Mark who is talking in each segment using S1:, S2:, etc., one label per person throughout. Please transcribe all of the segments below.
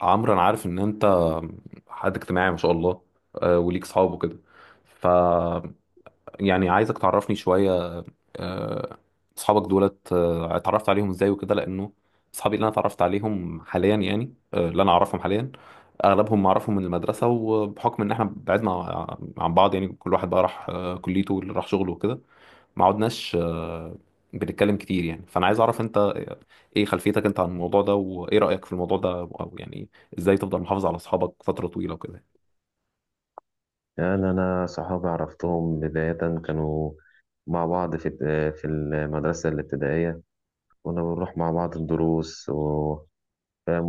S1: عمرو انا عارف ان انت حد اجتماعي ما شاء الله. وليك صحاب وكده. ف يعني عايزك تعرفني شوية. آه، اصحابك دولت، اتعرفت عليهم ازاي وكده، لانه اصحابي اللي انا اتعرفت عليهم حاليا يعني، اللي انا اعرفهم حاليا اغلبهم معرفهم من المدرسه، وبحكم ان احنا بعدنا عن بعض يعني كل واحد بقى راح كليته واللي راح شغله وكده. ما عدناش بنتكلم كتير يعني. فانا عايز اعرف انت ايه خلفيتك انت عن الموضوع ده، وايه رايك في الموضوع ده، او يعني ازاي تفضل محافظ على اصحابك فتره طويله وكده.
S2: يعني أنا صحابي عرفتهم بداية كانوا مع بعض في المدرسة الابتدائية. كنا بنروح مع بعض الدروس وفاهم،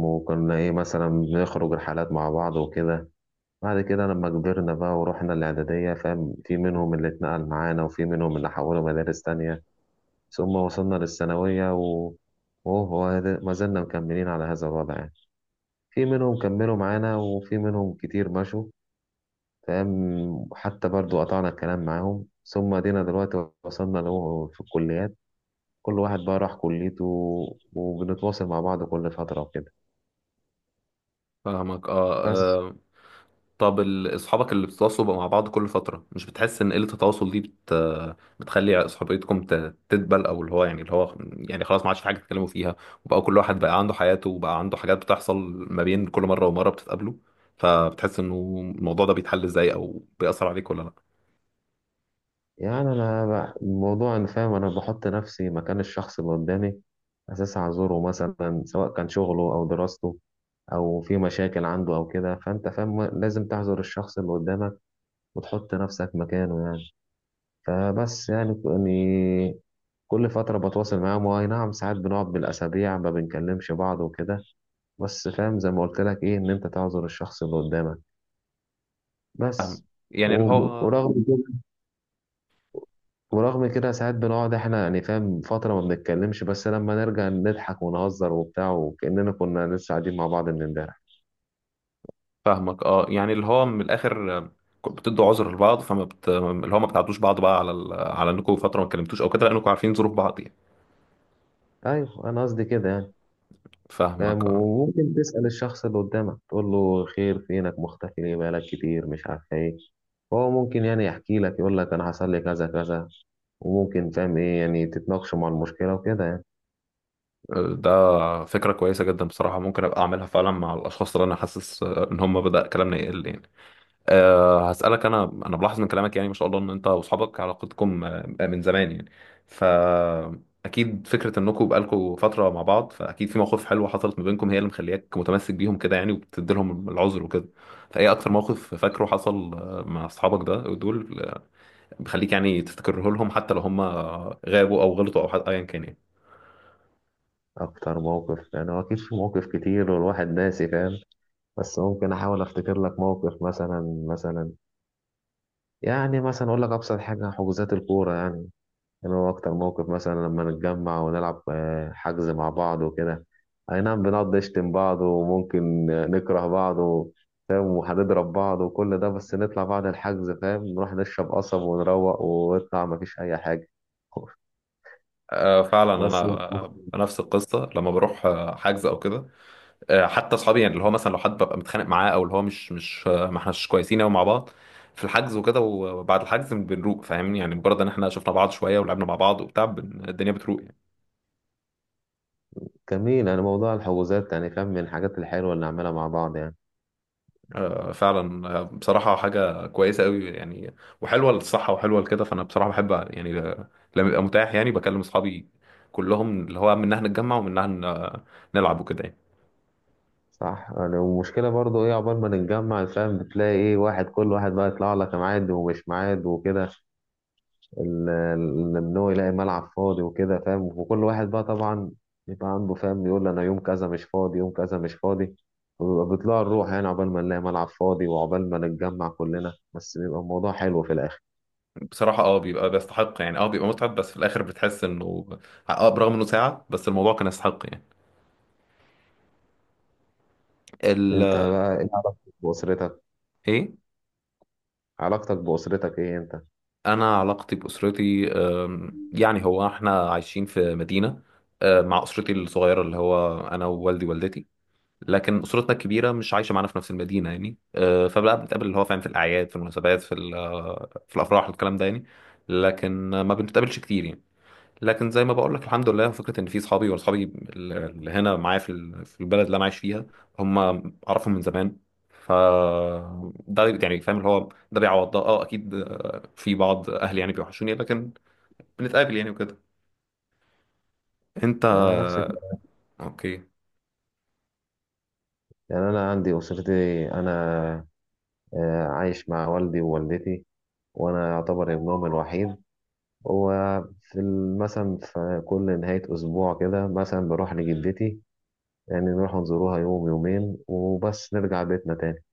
S2: وكنا إيه مثلا بنخرج رحلات مع بعض وكده. بعد كده لما كبرنا بقى ورحنا الإعدادية، فاهم، في منهم اللي اتنقل معانا وفي منهم اللي حولوا مدارس تانية. ثم وصلنا للثانوية ما زلنا مكملين على هذا الوضع يعني. في منهم كملوا معانا وفي منهم كتير مشوا، تمام، وحتى برضو قطعنا الكلام معاهم، ثم ادينا دلوقتي وصلنا له في الكليات. كل واحد بقى راح كليته وبنتواصل مع بعض كل فترة وكده.
S1: فاهمك،
S2: بس
S1: اه. طب اصحابك اللي بتتواصلوا بقى مع بعض كل فترة، مش بتحس ان قلة التواصل دي بتخلي صحبيتكم تدبل، او اللي هو يعني اللي هو يعني خلاص ما عادش في حاجة تتكلموا فيها، وبقى كل واحد بقى عنده حياته وبقى عنده حاجات بتحصل ما بين كل مرة ومرة بتتقابلوا؟ فبتحس انه الموضوع ده بيتحل ازاي، او بيأثر عليك ولا لا؟
S2: يعني الموضوع أنا فاهم، أنا بحط نفسي مكان الشخص اللي قدامي، أساسا أعذره، مثلا سواء كان شغله أو دراسته أو في مشاكل عنده أو كده، فأنت فاهم لازم تعذر الشخص اللي قدامك وتحط نفسك مكانه يعني. فبس يعني كل فترة بتواصل معاهم، واي نعم ساعات بنقعد بالأسابيع ما بنكلمش بعض وكده، بس فاهم زي ما قلت لك إيه، إن أنت تعذر الشخص اللي قدامك بس.
S1: يعني اللي
S2: و-
S1: هو.
S2: ورغم كده، ورغم كده ساعات بنقعد إحنا يعني فاهم فترة ما بنتكلمش، بس لما نرجع نضحك ونهزر وبتاع وكأننا كنا لسه قاعدين مع بعض من إمبارح.
S1: فاهمك، اه. يعني اللي هو من الاخر بتدوا عذر لبعض، اللي هو ما بتعدوش بعض بقى على على انكم فترة ما اتكلمتوش او كده، لانكم عارفين ظروف بعض يعني.
S2: أيوه أنا قصدي كده يعني. فاهم،
S1: فاهمك، اه.
S2: وممكن تسأل الشخص اللي قدامك تقول له خير، فينك مختفي ليه بقالك كتير مش عارف إيه. هو ممكن يعني يحكي لك يقول لك انا حصل لي كذا كذا، وممكن فاهم ايه يعني تتناقشوا مع المشكله وكده يعني.
S1: ده فكرة كويسة جدا بصراحة، ممكن أبقى أعملها فعلا مع الأشخاص اللي أنا حاسس إن هم بدأ كلامنا يقل يعني. أه، هسألك. أنا بلاحظ من كلامك يعني ما شاء الله إن أنت وأصحابك علاقتكم من زمان يعني. فأكيد فكرة إنكم بقالكم فترة مع بعض، فأكيد في مواقف حلوة حصلت ما بينكم هي اللي مخلياك متمسك بيهم كده يعني، وبتدي لهم العذر وكده. فإيه أكتر موقف فاكره حصل مع أصحابك ده دول، بيخليك يعني تفتكره لهم حتى لو هم غابوا أو غلطوا أو حتى أيا كان يعني.
S2: اكتر موقف، يعني هو اكيد في مواقف كتير والواحد ناسي فاهم، بس ممكن احاول افتكر لك موقف. مثلا يعني مثلا اقول لك ابسط حاجه، حجوزات الكوره يعني. يعني هو أكتر موقف مثلا لما نتجمع ونلعب حجز مع بعض وكده. أي نعم بنقعد نشتم بعض وممكن نكره بعض فاهم وهنضرب بعض وكل ده، بس نطلع بعد الحجز فاهم نروح نشرب قصب ونروق ونطلع مفيش أي حاجة.
S1: فعلا،
S2: بس
S1: انا نفس القصه لما بروح حجز او كده. حتى اصحابي يعني اللي هو مثلا لو حد ببقى متخانق معاه، او اللي هو مش ما احناش كويسين قوي مع بعض في الحجز وكده، وبعد الحجز بنروق فاهمني. يعني مجرد ان احنا شفنا بعض شويه ولعبنا مع بعض وبتاع الدنيا بتروق يعني.
S2: جميل يعني موضوع الحجوزات، يعني فاهم من الحاجات الحلوة اللي نعملها مع بعض يعني.
S1: فعلا. بصراحه حاجه كويسه قوي يعني، وحلوه للصحه وحلوه لكده. فانا بصراحه بحب يعني، لما يبقى متاح يعني بكلم اصحابي كلهم، اللي هو منها نتجمع ومنها نلعب وكده يعني.
S2: صح، يعني المشكلة برضو ايه، عقبال ما نتجمع فاهم بتلاقي ايه واحد، كل واحد بقى يطلع لك ميعاد ومش ميعاد وكده. ان هو يلاقي ملعب فاضي وكده، فاهم، وكل واحد بقى طبعا يبقى عنده فاهم، يقول انا يوم كذا مش فاضي يوم كذا مش فاضي، وبيبقى بيطلع الروح يعني عقبال ما نلاقي ملعب فاضي وعقبال ما نتجمع كلنا، بس بيبقى الموضوع حلو في الاخر.
S1: بصراحة اه بيبقى بيستحق يعني، اه بيبقى متعب بس في الآخر بتحس إنه اه برغم إنه ساعة بس الموضوع كان يستحق يعني. ال
S2: انت بقى ايه علاقتك باسرتك؟
S1: إيه؟
S2: علاقتك باسرتك ايه انت؟
S1: أنا علاقتي بأسرتي يعني هو إحنا عايشين في مدينة مع أسرتي الصغيرة اللي هو أنا ووالدي ووالدتي، لكن أسرتنا الكبيرة مش عايشة معانا في نفس المدينة يعني. فبقى بنتقابل اللي هو فاهم في الأعياد، في المناسبات، في في الأفراح الكلام ده يعني. لكن ما بنتقابلش كتير يعني. لكن زي ما بقول لك الحمد لله فكره ان في اصحابي، واصحابي اللي هنا معايا في في البلد اللي انا عايش فيها هم اعرفهم من زمان. ف ده يعني فاهم اللي هو ده بيعوض ده. اه اكيد في بعض اهلي يعني بيوحشوني، لكن بنتقابل يعني وكده. انت؟
S2: آه، نفس الكلام.
S1: اوكي.
S2: يعني انا عندي اسرتي، انا عايش مع والدي ووالدتي، وانا يعتبر ابنهم الوحيد. وفي ال- مثلا في كل نهاية أسبوع كده مثلا بروح لجدتي، يعني نروح نزوروها يوم يومين وبس نرجع بيتنا تاني.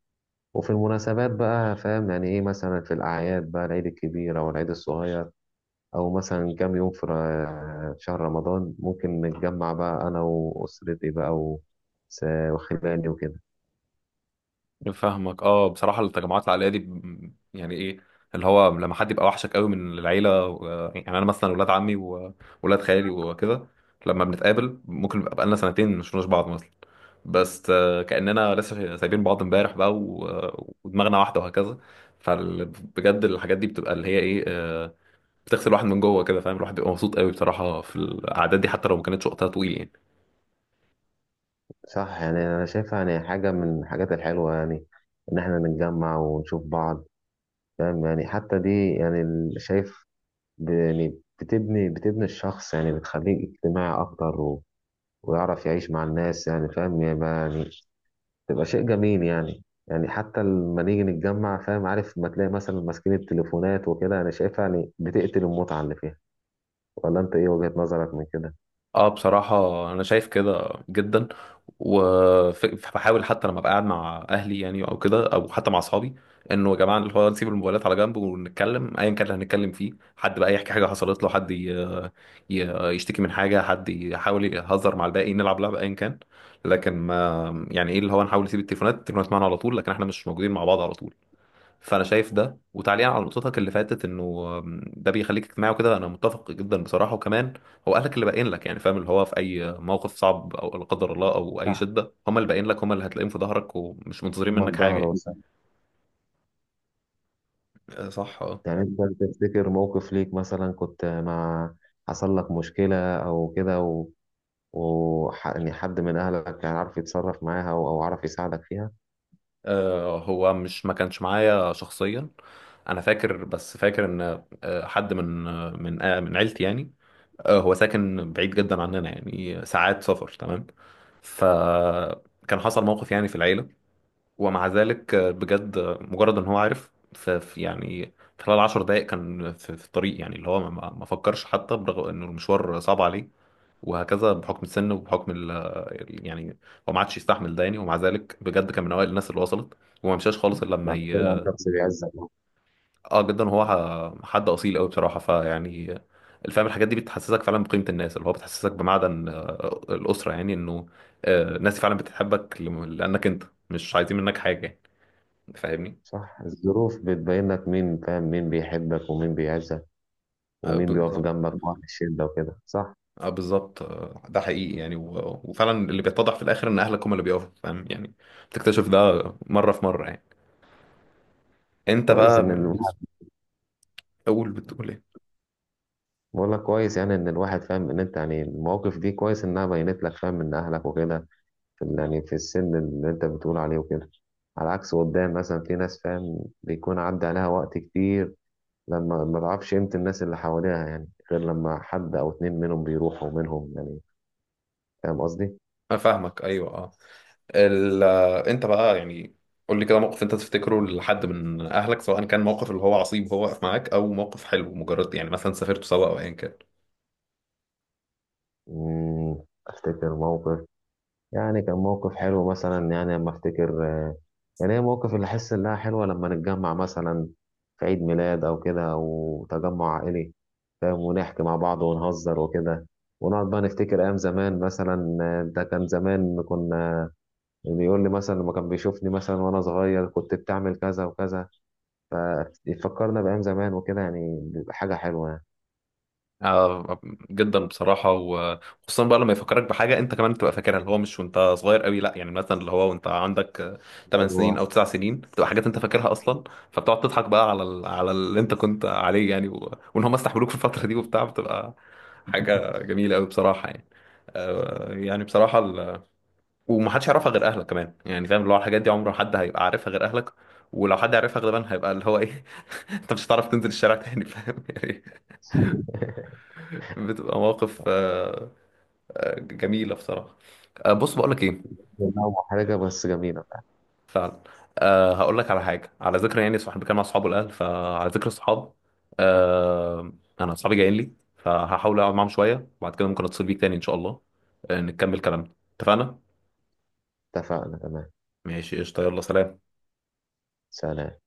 S2: وفي المناسبات بقى فاهم يعني ايه، مثلا في الأعياد بقى، العيد الكبير أو العيد الصغير، أو مثلا كام يوم في شهر رمضان، ممكن نتجمع بقى أنا وأسرتي بقى و وخلاني وكده.
S1: فاهمك، اه. بصراحه التجمعات العائليه دي يعني ايه اللي هو لما حد يبقى وحشك قوي من العيله و... يعني انا مثلا ولاد عمي وولاد خالي وكده لما بنتقابل ممكن يبقى بقالنا سنتين مش شفناش بعض مثلا، بس كأننا لسه سايبين بعض امبارح بقى ودماغنا واحدة وهكذا. فبجد الحاجات دي بتبقى اللي هي ايه، بتغسل الواحد من جوه كده فاهم. الواحد بيبقى مبسوط قوي بصراحة في الأعداد دي حتى لو ما كانتش وقتها طويل يعني.
S2: صح، يعني أنا شايفها يعني حاجة من الحاجات الحلوة يعني، إن إحنا نتجمع ونشوف بعض. فاهم يعني حتى دي يعني شايف، يعني بتبني الشخص يعني، بتخليه اجتماعي أكتر ويعرف يعيش مع الناس، يعني فاهم يعني تبقى شيء جميل يعني. يعني حتى لما نيجي نتجمع فاهم، عارف ما تلاقي مثلا ماسكين التليفونات وكده، انا شايفها يعني بتقتل المتعة اللي فيها. ولا انت ايه وجهة نظرك من كده؟
S1: اه بصراحة أنا شايف كده جدا، وبحاول حتى لما ببقى قاعد مع أهلي يعني، أو كده، أو حتى مع أصحابي، إنه يا جماعة اللي هو نسيب الموبايلات على جنب ونتكلم أيا كان اللي هنتكلم فيه. حد بقى يحكي حاجة حصلت له، حد يشتكي من حاجة، حد يحاول يهزر مع الباقي، نلعب لعبة أيا كان، لكن ما يعني إيه اللي هو نحاول نسيب التليفونات. التليفونات معانا على طول، لكن إحنا مش موجودين مع بعض على طول. فانا شايف ده. وتعليقا على نقطتك اللي فاتت انه ده بيخليك اجتماعي وكده انا متفق جدا بصراحه. وكمان هو اهلك اللي باين لك يعني فاهم، اللي هو في اي موقف صعب او لا قدر الله او اي
S2: صح،
S1: شده هم اللي باين لك، هم اللي هتلاقيهم في ظهرك، ومش منتظرين
S2: هم
S1: منك حاجه
S2: الظهر
S1: يعني.
S2: أنت
S1: صح، اه.
S2: يعني انت تفتكر موقف ليك مثلا كنت مع، حصل لك مشكلة او كده يعني حد من اهلك كان عارف يتصرف معاها او أو عارف يساعدك فيها.
S1: هو مش ما كانش معايا شخصيا، انا فاكر، بس فاكر ان حد من من عيلتي يعني، هو ساكن بعيد جدا عننا يعني ساعات سفر تمام. فكان حصل موقف يعني في العيله، ومع ذلك بجد مجرد ان هو عارف يعني في خلال 10 دقائق كان في الطريق يعني، اللي هو ما فكرش حتى، برغم انه المشوار صعب عليه وهكذا بحكم السن وبحكم يعني هو ما عادش يستحمل ده يعني. ومع ذلك بجد كان من اوائل الناس اللي وصلت، وما مشاش خالص الا لما
S2: بعد كده
S1: ي...
S2: الشخص بيعزك.
S1: اه جدا هو حد اصيل قوي بصراحه. فيعني الفهم الحاجات دي بتحسسك فعلا بقيمه الناس، اللي هو بتحسسك بمعدن الاسره، يعني انه الناس فعلا بتحبك لانك انت، مش عايزين منك حاجه يعني. فاهمني؟
S2: صح، الظروف بتبين لك مين، فاهم مين بيحبك ومين بيعزك ومين بيقف
S1: بالظبط.
S2: جنبك بقى في الشدة وكده، صح.
S1: اه بالظبط ده حقيقي يعني و... وفعلا اللي بيتضح في الاخر ان اهلك هم اللي بيقفوا فاهم يعني. بتكتشف ده مره في مره يعني. انت
S2: كويس
S1: بقى
S2: ان
S1: بالنسبه،
S2: الواحد،
S1: اقول، بتقول ايه؟
S2: بقول لك كويس يعني ان الواحد فاهم ان انت يعني المواقف دي كويس انها بينت لك فاهم من اهلك وكده، يعني في السن اللي انت بتقول عليه وكده. على عكس قدام مثلا في ناس فاهم بيكون عدى عليها وقت كتير لما ما تعرفش قيمة الناس اللي حواليها، يعني غير لما حد او اتنين منهم بيروحوا منهم يعني. فاهم قصدي؟
S1: انا فاهمك، ايوه، اه. ال... آه، انت بقى يعني قول لي كده موقف انت تفتكره لحد من اهلك، سواء كان موقف اللي هو عصيب وهو واقف معاك، او موقف حلو مجرد يعني مثلا سافرتوا سوا او ايا كان.
S2: مم، افتكر موقف. يعني كان موقف حلو مثلا، يعني لما افتكر يعني هي موقف اللي احس انها حلوه لما نتجمع مثلا في عيد ميلاد او كده او تجمع عائلي، فاهم، ونحكي مع بعض ونهزر وكده، ونقعد بقى نفتكر ايام زمان، مثلا ده كان زمان كنا، بيقول لي مثلا لما كان بيشوفني مثلا وانا صغير كنت بتعمل كذا وكذا، فيفكرنا بايام زمان وكده يعني، بيبقى حاجه حلوه يعني.
S1: آه، جدا بصراحة. وخصوصا بقى لما يفكرك بحاجة انت كمان تبقى فاكرها، اللي هو مش وانت صغير قوي لا، يعني مثلا اللي هو وانت عندك 8
S2: ايوه
S1: سنين او 9 سنين، بتبقى حاجات انت فاكرها اصلا. فبتقعد تضحك بقى على على اللي انت كنت عليه يعني، و... وان هم استحملوك في الفترة دي وبتاع، بتبقى حاجة جميلة قوي بصراحة يعني. يعني بصراحة ومحدش يعرفها غير اهلك كمان يعني فاهم، اللي هو الحاجات دي عمره حد هيبقى عارفها غير اهلك. ولو حد عرفها غالبا هيبقى اللي هو ايه انت مش هتعرف تنزل الشارع تاني فاهم يعني. بتبقى مواقف جميلة بصراحة. بص، بقول لك ايه،
S2: محرجه بس جميله.
S1: فعلا. أه هقول لك على حاجة، على ذكر يعني صاحب كان مع اصحابه الاهل، فعلى ذكر الصحاب، أه، انا اصحابي جايين لي، فهحاول اقعد معاهم شوية وبعد كده ممكن اتصل بيك تاني ان شاء الله، نكمل كلامنا. اتفقنا؟
S2: اتفقنا، تمام،
S1: ماشي قشطة، يلا سلام.
S2: سلام.